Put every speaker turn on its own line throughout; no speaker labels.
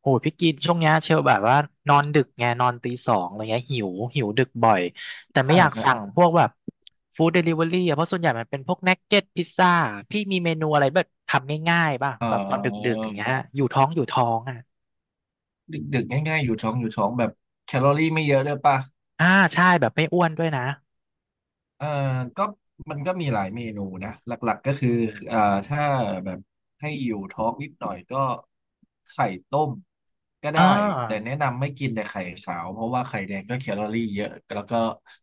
โหพี่กินช่วงเนี้ยเชลแบบว่านอนดึกไงนอนตีสองอะไรเงี้ยหิวหิวดึกบ่อยแต่ไม่
อ่า
อยาก
ครั
สั่ง
บ
พวกแบบฟู้ดเดลิเวอรี่อะเพราะส่วนใหญ่มันเป็นพวกนักเก็ตพิซซ่าพี่มีเมนูอะไรแบบทำง่ายๆป่ะ
เอ่
แบบตอนดึ
อ
กๆอย่างเงี้ยอยู่ท้องอยู่ท้องอ่ะ
ดึกๆง่ายๆอยู่ท้องแบบแคลอรี่ไม่เยอะด้วยป่ะ
อ่าใช่แบบไม่อ้วนด้วยนะ
เอ่อก็มันก็มีหลายเมนูนะหลักๆก็คือ
อื
อ่าถ้า
ม
แบบให้อยู่ท้องนิดหน่อยก็ไข่ต้มก็
อ่
ได้แต่
า
แนะนำไม่กินแต่ไข่ขาวเพราะว่าไข่แดงก็แคลอรี่เยอะแล้วก็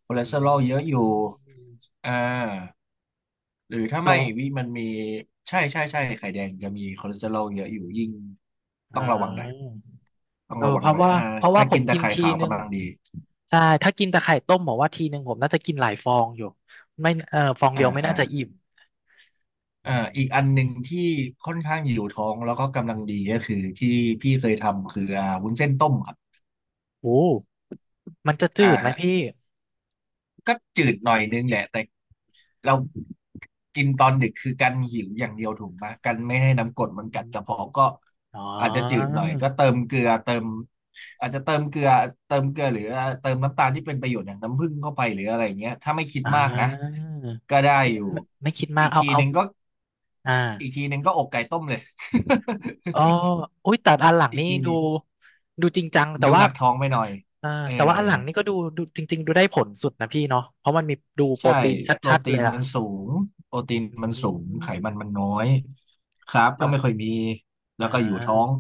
คอเลส
อื
เตอรอลเยอะอยู่
ม
อ่าหรือถ้าไม่
โต
วิมันมีใช่ไข่แดงจะมีคอเลสเตอรอลเยอะอยู่ยิ่ง
อ่า
ต้องระวังหน่อย ต้อง
เออ
ระวั
เพ
งห
ราะ
น่อย
ว่า
อ่า
เพราะว่า
ถ้า
ผ
กิ
ม
นแต่
กิน
ไข่
ที
ขาว
นึง
กำลังดี
ใช่ถ้ากินแต่ไข่ต้มบอกว่าทีนึงผมน่าจะกินหลายฟองอยู่ไม่เออฟองเดี
อ่า
ยวไม่
อ่า
น่าจะอิ่มอื
อีกอัน
ม
หนึ่งที่ค่อนข้างหิวท้องแล้วก็กำลังดีก็คือที่พี่เคยทำคือวุ้นเส้นต้มครับ
โอ้มันจะ
อ
จืดไหม
่า
พี่
ก็จืดหน่อยนึงแหละแต่เรากินตอนดึกคือกันหิวอย่างเดียวถูกไหมกันไม่ให้น้ำกร
อื
ดมันกัดกระ
ม
เพาะก็
อ๋อ
อาจจะจืดหน่อยก็เติมเกลือเติมอาจจะเติมเกลือหรือเติมน้ำตาลที่เป็นประโยชน์อย่างน้ำผึ้งเข้าไปหรืออะไรเงี้ยถ้าไม่คิด
อ่า
มากนะก็ได้
ไม่
อยู่
ไม่คิดมา
อี
ก
ก
เอา
ที
เอา
หนึ่งก็
อ่า
อกไก่ต้มเลย
อ๋ออุ้ยแต่อันหลัง
อีก
นี่
ทีห
ดู
นึง
ดูจริงจังแต่
ดู
ว่า
หนักท้องไปหน่อย
เออ
เออ
แต่ว่าอันหลังนี่ก็ดูดูจริงๆดูได้ผลสุดนะพี่เนาะเพราะมันมีดูโปร
ใช่
ตีน
โปร
ชัดๆ
ตี
เลย
น
อะ
มันสูงโปรตีนมัน
อื
สูงไข
ม
มันมันน้อยคาร์บ
แล้
ก็
ว
ไม่ค่อยมีแล้
อ่
วก็อยู่ท้อง
า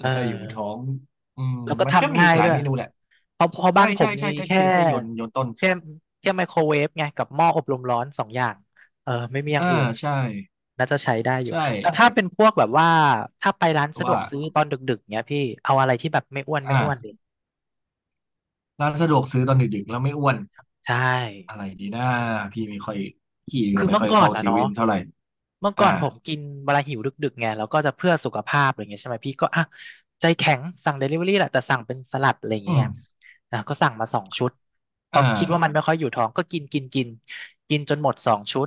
เอ
ล้วก็อยู่ท้อ
อ
งอืม
แล้วก็
มันก็
ทำ
มี
ง่าย
หลาย
ด้วย
เมนูแหละ
เพราะ
ใช่
บ้านผ
ใช่
มมี
ใช่ก็
แค่
คือแค่โยนต้น
แค่แค่ไมโครเวฟไงกับหม้ออบลมร้อนสองอย่างเออไม่มีอย่าง
อ่า
อื่น
ใช่
น่าจะใช้ได้อยู่
ใช่
แต่ถ้าเป็นพวกแบบว่าถ้าไปร้านสะด
ว่า
วกซื้อตอนดึกๆเนี้ยพี่เอาอะไรที่แบบไม่อ้วนดิ
อ่าร้านสะดวกซื้อตอนดึกๆแล้วไม่อ้วน
ใช
อะ
่
ไรดีนะพี่ไม่ค่อยพี่ก็
คือ
ไม่
เมื่อ
ค่อย
ก่อน
เข้า
อะ
เซ
เนาะ
เว่นเท่าไหร่
เมื่อก่
อ่า
อนผมกินเวลาหิวดึกๆไงแล้วก็จะเพื่อสุขภาพอะไรเงี้ยใช่ไหมพี่ก็อ่ะใจแข็งสั่งเดลิเวอรี่แหละแต่สั่งเป็นสลัดอะไรอย่าง
อื
เงี้ยไง
ม
อ่ะก็สั่งมาสองชุดเพราะ
อ่า
คิดว่ามันไม่ค่อยอยู่ท้องก็กินกินจนหมดสองชุด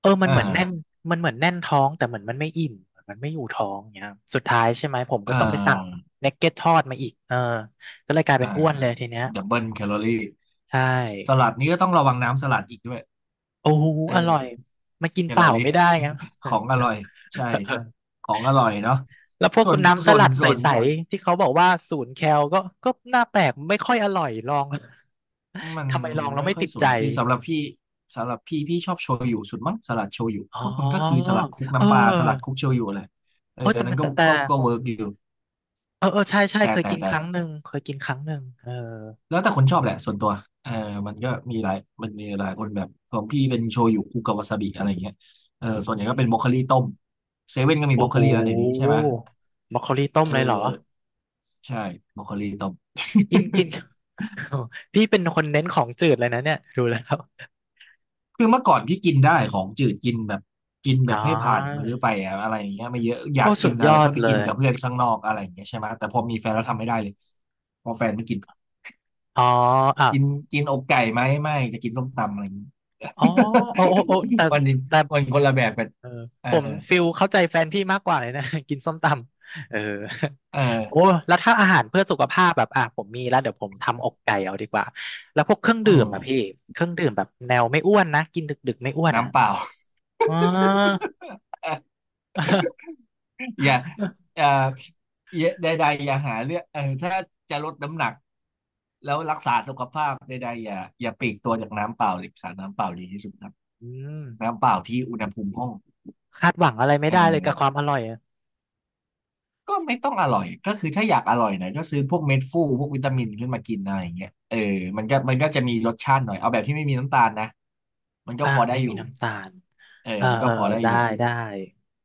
เออมั
อ
นเหมือนแน่น
่า
มันเหมือนแน่นท้องแต่เหมือนมันไม่อิ่มเหมือนมันไม่อยู่ท้องเงี้ยสุดท้ายใช่ไหมผมก็
อ่
ต้องไปสั่ง
า
เนกเก็ตทอดมาอีกเออก็เลยกลายเป็
อ่า
นอ้วนเลยทีเนี้ย
ดับเบิลแคลอรี่
ใช่
สลัดนี้ก็ต้องระวังน้ำสลัดอีกด้วย
โอ้โห
เอ
อร่อย
อ
มันกิน
แค
เป
ลอ
ล่า
รี่
ไม่ได้ไง
ของอร่อยใช่ ของอร่อยเนาะ
แล้วพวก
ส่วน
น้ำส
ส่วน
ลัดใ
ส่วน
สๆที่เขาบอกว่าศูนย์แคลก็ก็น่าแปลกไม่ค่อยอร่อยลอง
มัน
ทำไมลองแล้ว
ไม่
ไม่
ค่อ
ติ
ย
ด
ส
ใจ
นที่สำหรับพี่สำหรับพี่พี่ชอบโชยุสุดมั้งสลัดโชยุ
อ๋
ก็มันก็คือ
อ
สลัดคลุก
เ
น้ำปลาสลัดค
ออ
ลุกโชยุเลยเอ
เอ
อ
อแต่
อันนั้
มั
น
น
ก็
แต่ของ
เวิร์กอยู่
เออเออใช่ใช่
แต่
เคย
แต่
กิน
แต่
ครั้งหนึ่งเคยกินครั้งหนึ่งเออ
แล้วแต่คนชอบแหละส่วนตัวเออมันก็มีหลายมันมีหลายคนแบบของพี่เป็นโชยุคุกาวาซาบิอะไรอย่างเงี้ยเออ
อื
ส่วนใหญ่ก็เป็นบรอกโค
ม
ลีต้มเซเว่นก็มีบร
โอ้
อกโค
โห
ลีแล้วเดี๋ยวนี้ใช่ไหม
มอคโคลีต้ม
เอ
เลยเหรอ
อใช่บรอกโคลีต้ม
กินกิน พี่เป็นคนเน้นของจืดเลยนะเนี่ยดูแล้ว
คือเมื่อก่อนพี่กินได้ของจืดกินแบบกินแบ
อ๋
บให้ผ่านมื้
อ
อไปอะอะไรอย่างเงี้ยไม่เยอะอ
โอ้
ยาก
สุ
กิน
ดย
อะไร
อ
ค่
ด
อยไป
เล
กิน
ย
กับเพื่อนข้างนอกอะไรอย่างเงี้ยใช่ไหมแต่พอมีแฟนแล้วทำไม่ได้เลยพอแฟนไม่กิน
อ๋ออ่ะ
กินกินอกไก่ไหมไม่จะกินส้มตำอะไรอย่างงี้
อ๋อโอ้แต่
วันนี้
แต่
วันคนละแบบกัน
เออ
เออ
ผมฟิลเข้าใจแฟนพี่มากกว่าเลยนะ กินส้มตำเออ
เออ
โอ้แล้วถ้าอาหารเพื่อสุขภาพแบบอ่ะผมมีแล้วเดี๋ยวผมทำอกไก่เอาดีกว่าแล้วพวกเครื่อง
อื
ดื่ม
ม
อ่ะพี่เครื่องดื่มแบบแนวไม่อ้วนนะกินดึกๆไม่อ้วนอ่ะ
น้ำเปล่า
อ๋อ
อย่าเอ่ออย่าใดๆอย่าหาเรื่องเออถ้าจะลดน้ำหนักแล้วรักษาสุขภาพใดๆอย่าอย่าปลีกตัวจากน้ำเปล่าเลยค่ะน้ำเปล่าดีที่สุดครับ
อืม
น้ำเปล่าที่อุณหภูมิห้อง
คาดหวังอะไรไม่
เอ
ได้เลยกับควา
อ
มอร่อยอะ
ก็ไม่ต้องอร่อยก็คือถ้าอยากอร่อยหน่อยก็ซื้อพวกเม็ดฟูพวกวิตามินขึ้นมากินอะไรอย่างเงี้ยเออ
อ
มันก็จะมีรสชาติหน่อยเอาแบบที่ไม่มีน้ำตาลนะมันก็
่า
พอได้
ไม่
อ
มี
ยู่
น้ำตาล
เอ
เอ
อ
อ
มัน
เอ
ก็
อ
พอ
เออ
ได้อ
ได้
ยู่
ได้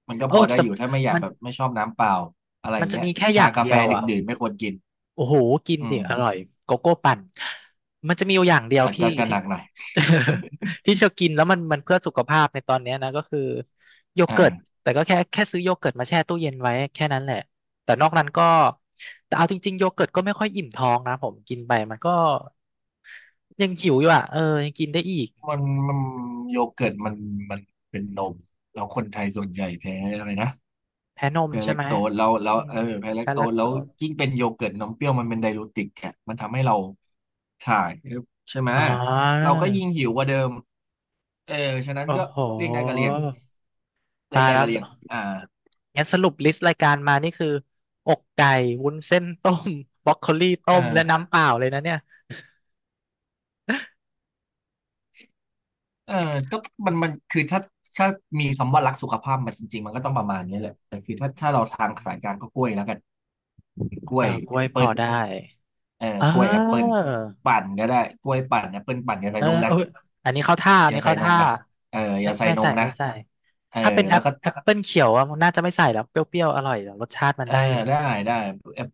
มันก็
โอ้
พอได้
ส
อ
ม
ยู่ถ้าไม่อยา
มั
ก
น
แบบไม่ชอบน้ำเปล่าอะไร
จะ
เงี้ย
มีแค่อ
ชา
ย่าง
กา
เดี
แฟ
ยว
ดึก
อ่ะ
ดื่นไม่ควรกิน
โอ้โห กิน
อื
ดิ
ม
อร่อยโกโก้ปั่นมันจะมีอยู่อย่างเดียว
อ่ะ
พี่
ก็
ที่
หนักหน่อย
ที่จะกินแล้วมันเพื่อสุขภาพในตอนเนี้ยนะก็คือโยเกิร์ต
อ่า
แต่ก็แค่ซื้อโยเกิร์ตมาแช่ตู้เย็นไว้แค่นั้นแหละแต่นอกนั้นก็แต่เอาจริงๆโยเกิร์ตก็ไม่ค่อยอิ่มท้องนะผมกินไปมันก็ยังหิวอยู่อ่ะเออยังกินได้อีก
มันมันโยเกิร์ตมันเป็นนมแล้วคนไทยส่วนใหญ่แท้อะไรนะ
แพ้นม
แพ้
ใช่
แลค
ไหม
โตสแล้วแล้
อื
วเอ
ม
อแพ้แลค
แพ้
โต
แล
ส
ค
แล้
โต
ว
ส
ยิ่งเป็นโยเกิร์ตนมเปรี้ยวมันเป็นไดยูติกอะมันทำให้เราถ่ายใช่ไหม
อ๋อ
เราก็ยิ่งหิวกว่าเดิมเออฉะนั้น
โอ้
ก็
โห
เลี่ยงได้ก็เลี่ยงเลี่ยง
ตาย
ได้
แล้
ก็
ว
เลี่ยงอ่า
งั้นสรุปลิสต์รายการมานี่คืออกไก่วุ้นเส้นต้ม บรอกโคลีต้
เอ
ม
อ
และน้ำเปล่าเลยนะเนี่ย
เออก็มันมันคือถ้าถ้ามีคำว่ารักสุขภาพมาจริงๆมันก็ต้องประมาณนี้แหละแต่คือถ้าเราทางสายกลางก็กล้วยแล้วกันกล้
เอ
ว
อ
ย
กล้ว
แอ
ย
ป
พ
เปิ
อ
ล
ได้
เออ
เ
กล้วยแอปเปิล
ออ
ปั่นก็ได้กล้วยปั่นแอปเปิลปั่นอย่าใส่
เออ
นม
เอ
นะ
ยอันนี้เข้าท่าอั
อ
น
ย่า
นี้
ใส่
เข้า
นม
ท่า
นะเอออ
ไม่
ย่าใส่
ไม่
น
ใส่
มนะ
ไม่ใส่
เออ
ถ้าเป็นแอ
แล้ว
ป
ก็
แอปเปิลเขียวอะน่าจะไม่ใส่แล้วเปรี้ยวๆอร่อยแต่รสชาติมัน
เออ
ได้อยู่
ได้ได้แอป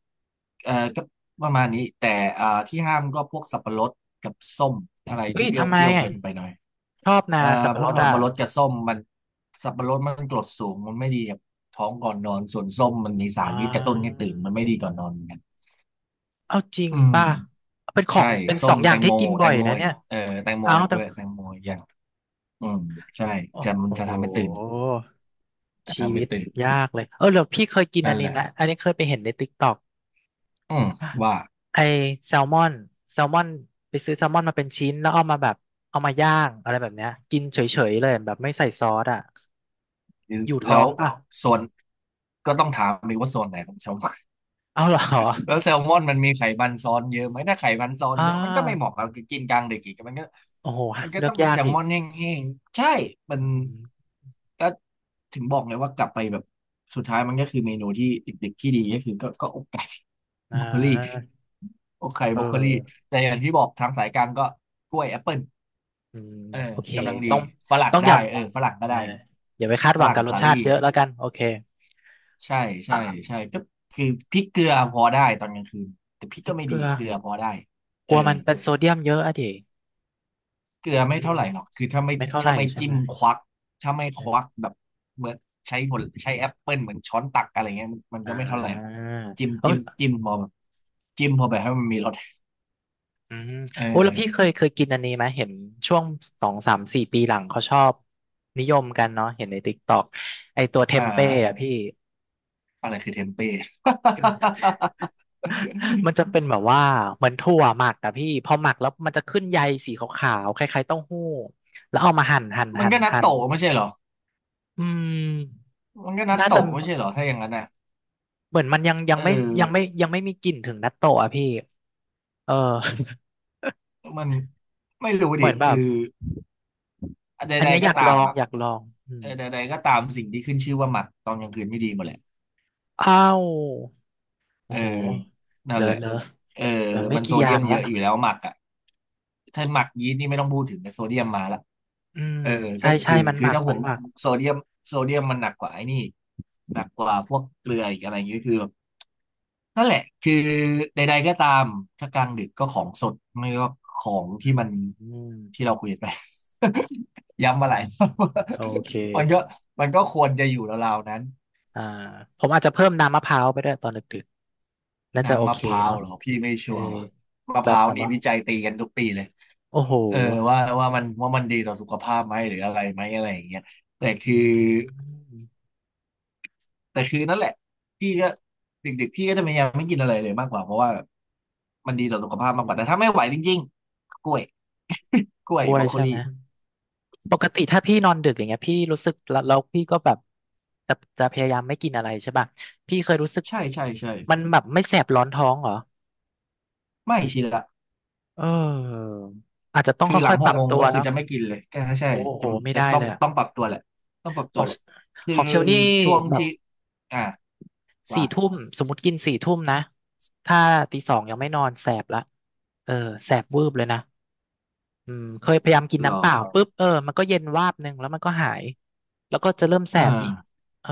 เออก็ประมาณนี้แต่อ่าที่ห้ามก็พวกสับปะรดกับส้มอะไร
เฮ้
ที่
ย
เปรี้ยว
ทำไมอะ
เกินไปหน่อย
ชอบนะ
เอ่อ
สับ
พ
ปะร
วก
ด
สับ
อ่ะ
ปะรดกับส้มมันสับปะรดมันกรดสูงมันไม่ดีกับท้องก่อนนอนส่วนส้มมันมีสา
อ่
รพิษกระตุ้นให้ตื่นมันไม่ดี
า
ก่อนนอนเหมือนกัน
เอาจริง
อืม
ป่ะเป็นขอ
ใช่
งเป็น
ส้
สอ
ม
งอ
แต
ย่าง
ง
ที่
โม
กิน
แต
บ่อย
งโม
นะ
อีก
เนี่ย
เออแตงโม
เอา
อีก
แต่
ด้วยแตงโมอีกอย่างอืมใช่จะมัน
โอ้
จะ
โห
ทำให้ตื่นจะ
ชี
ทำให้
วิต
ตื่น
ยากเลยเออเดี๋ยวพี่เคยกินอั
นั่
น
นแห
นี้
ละ
ไหมอันนี้เคยไปเห็นในติ๊กต็อก
อืมว่า
ไอแซลมอนแซลมอนไปซื้อแซลมอนมาเป็นชิ้นแล้วเอามาแบบเอามาย่างอะไรแบบเนี้ยกินเฉยๆเลยแบบไม่ใส่ซอสอ่ะอยู่ท้อ
แล้ว
งเปล่า
ส่วนก็ต้องถามอีกว่าส่วนไหนของสม
เอาเหรอ
แล้วแซลมอนมันมีไขมันซ้อนเยอะไหมถ้าไขมันซ้อน
อ่
เยอะมันก็ไม่เห
า
มาะกับกินกลางเด็กอีกมันก็
โอ้โห
มันก็
เลือ
ต้
ก
องเป็
ยา
น
ก
แซล
อี
ม
ก
อนแห้งๆใช่มั
อื
น
ม
ก็ถึงบอกเลยว่ากลับไปแบบสุดท้ายมันก็คือเมนูที่เด็กๆที่ดีก็คือก็อกไก่
อ่
บรอกโคลี
า
อกไก่
เอ
บรอกโคลี
อ
แต่อย่างที่บอกทางสายกลางก็กล้วยแอปเปิล
อืม
เออ
โอเค
กำลังดี
ต้อง
ฝรั่ง
อย่า
ได้เออฝรั่งก็
เออ
ได้
อย่าไปคาด
ฝ
หวัง
รั่
กั
ง
บรส
สา
ชาติ
ลี่
เยอะแล้วกันโอเค
ใช่ใช่
อ่ะ
ใช่ก็คือพริกเกลือพอได้ตอนกลางคืนแต่พริก
พริ
ก็
ก
ไม่
เก
ดี
ลือ
เกลือพอได้
ก
เออ
ลัวมันเป็นโซเดียมเยอะอะดิ
เกลือ
อื
ไม่เท่า
ม
ไหร่หรอกคือถ้าไม่
ไม่เท่าไห
ถ้า
ร่
ไม่
ใช่
จิ้
ไหม
มควักถ้าไม่ค
เอ
วัก
อ
แบบเหมือนใช้ผลใช้แอปเปิลเหมือนช้อนตักอะไรเงี้ยมัน
อ่
ก็ไม่เท่าไหร่หรอก
า
จิ้ม
เอ
จิ้
อ
มจิ้มพอแบบจิ้มพอแบบให้มันมีรส
อืม
เอ
โอ้แล้วพี่เค
อ
ยเคยกินอันนี้ไหมเห็นช่วงสองสามสี่ปีหลังเขาชอบนิยมกันเนาะเห็นในติ๊กต็อกไอตัวเท
อ
มเป้
่า
อะพี่
อะไรคือเทมเป้
มันจะเป็นแบบว่าเหมือนถั่วหมักอะพี่พอหมักแล้วมันจะขึ้นใยสีขาวๆคล้ายๆเต้าหู้แล้วเอามาหั่นหั่น
มัน
หั่น
ก็นัต
หั่
โต
น
ะไม่ใช่เหรอ
อืม
มันก็นัต
น่าจะ
โตะไม่ใช่เหรอถ้าอย่างนั้นน่ะ
เหมือนมันยังยัง
เอ
ไม่
อ
ยังไม่ยังไม่มีกลิ่นถึงนัตโตะอะพี่เออ
มันไม่รู้
เหมื
ดิ
อนแบบ
คือ
อัน
ใด
เนี้ย
ๆ
อ
ก็
ยาก
ตา
ลอ
ม
ง
แบบ
อยากลองอื
เอ
ม
อใดๆก็ตามสิ่งที่ขึ้นชื่อว่าหมักตอนกลางคืนไม่ดีหมดแหละ
อ้าวโอ้
เออ
โหเห
นั่
ลื
น
อ
แหละ
เหลือเ
เออ
หลือไม่
มันโซ
กี่อย่า
เดีย
ง
มเย
ละ
อะอยู่แล้วหมักอ่ะถ้าหมักยีสต์นี่ไม่ต้องพูดถึงแต่โซเดียมมาละ
อืม
เออ
ใช่
ก็
ใช่
คือ
มันห
คือ
มัก
ถ้าห่
มั
ว
น
ง
หมัก
โซเดียมโซเดียมมันหนักกว่าไอ้นี่หนักกว่าพวกเกลืออีกอะไรอย่างเงี้ยคือแบบ นั่นแหละคือใดๆก็ตามถ้ากลางดึกก็ของสดไม่ก็ของ
อื
ที่มั
ม
น
อืม
ที่เราคุยกันไป ย้ำมาหลาย รอ
โอ
บ
เค
มันก็มันก็ควรจะอยู่ราวๆนั้น
อ่าผมอาจจะเพิ่มน้ำมะพร้าวไปด้วยตอนดึกๆน่าจะโอ
น้ำมะ
เค
พร้าว
เนาะ
เหรอพี่ไม่
เอ
ชั
อ
วร์ว่ะมะพ
แบบ
ร้าว
น้ำ
นี่
ปะ
วิจัยตีกันทุกปีเลย
โอ้โห
เออว่าว่ามันดีต่อสุขภาพไหมหรืออะไรไหมอะไรอย่างเงี้ยแต่
อื
คือ
ม
แต่คือนั่นแหละพี่ก็เด็กๆพี่ก็จะพยายามไม่กินอะไรเลยมากกว่าเพราะว่ามันดีต่อสุขภาพมากกว่าแต่ถ้าไม่ไหวจริงๆกล้วย กล้ว
ก
ย
ล้ว
บร
ย
อกโค
ใช่ไห
ลี
มปกติถ้าพี่นอนดึกอย่างเงี้ยพี่รู้สึกแล้วพี่ก็แบบจะจะพยายามไม่กินอะไรใช่ป่ะพี่เคยรู้สึก
ใช่ใช่ใช่
มันแบบไม่แสบร้อนท้องเหรอ
ไม่ชินละ
เอออาจจะต้อง
คือหลั
ค่อ
ง
ยๆ
ห
ปรั
ก
บ
โมง
ตัว
ก็คือ
เนาะ
จะไม่กินเลยก็ใช่
โอ้โห
จะ
ไม่
จะ
ได้
ต้อ
เล
ง
ยอะ
ต้องปรับตัวแหละต้องปรับตั
อ
ว
ง
แหละคื
ข
อ
องเชลนี่
ช่วง
แบบ
ที่อ่ะ
สี่
ว่า
ทุ่มสมมติกินสี่ทุ่มนะถ้าตีสองยังไม่นอนแสบละเออแสบวืบเลยนะอืมเคยพยายามกิน
ร
น้ำเป
อ
ล่าปุ๊บเออมันก็เย็นวาบหนึ่งแล้วมันก็หายแล้วก็จะเริ่มแส
อ่า
บอีกเออ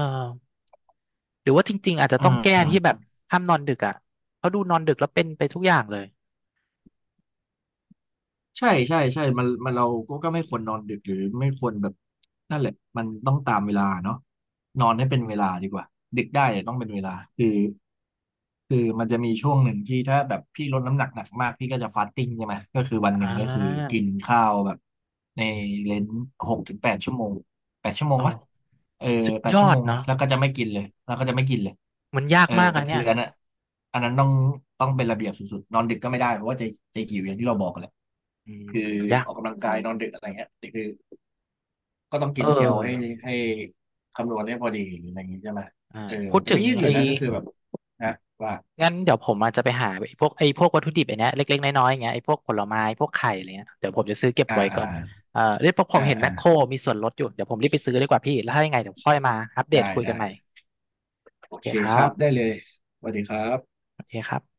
หรือว่าจริงๆอาจจะ
อ่
ต้องแก้
า
ที่แบบห้ามนอนดึกอ่ะเพราะดูนอนดึกแล้วเป็นไปทุกอย่างเลย
ใช่ใช่ใช่มันเราก็ไม่ควรนอนดึกหรือไม่ควรแบบนั่นแหละมันต้องตามเวลาเนาะนอนให้เป็นเวลาดีกว่าดึกได้แต่ต้องเป็นเวลาคือคือมันจะมีช่วงหนึ่งที่ถ้าแบบพี่ลดน้ำหนักหนักมากพี่ก็จะฟาสติ้งใช่ไหมก็คือวันห
อ่
นึ่งก็คือกิ
า
นข้าวแบบในเลนหกถึงแปดชั่วโมงแปดชั่วโมง
โอ้
ปะเออ
สุด
แปด
ย
ชั่
อ
วโม
ด
งนะ
เนาะ
แล้วก็จะไม่กินเลยแล้วก็จะไม่กินเลย
มันยาก
เออ
มาก
แต่
อะเนี่
คือ
ย
อันนั้นอันนั้นต้องเป็นระเบียบสุดๆนอนดึกก็ไม่ได้เพราะว่าจะหิวอย่างที่เราบอกแหละ
อืม
คือ
ยา
อ
ก
อกกำลังกายนอนดึกอะไรเงี้ยนี่คือก็ต้อง
เ
กินแคลให้
ออ
ให้คำนวณให้พอดีอะไรอย่างงี้ใช่ไหม
อ่า
เออ
พูด
แต่
ถึ
ก็
ง
ยืดอยู่
ไอ้
นะก็คือแบบนะว่า
งั้นเดี๋ยวผมอาจจะไปหาไอ้พวกวัตถุดิบไอ้เนี้ยเล็กๆน้อยๆอย่างเงี้ยไอ้พวกผลไม้พวกไข่อะไรเงี้ยเดี๋ยวผมจะซื้อเก็บ
อ่า
ไว้
อ่า
ก่อน
อ่า
เออเดี๋ยวผม
อ่า
เห็นแม
อ่า
คโครมีส่วนลดอยู่เดี๋ยวผมรีบไปซื้อดีกว่าพี่แล้วถ้ายังไงเดี๋ยวค่อยมาอัปเดต
ได้
คุยกัน
ได้
ใหม่
โอ
โอเค
เค
ครั
ครับได้
บ
เลยสวัสดีครับ
โอเคครับ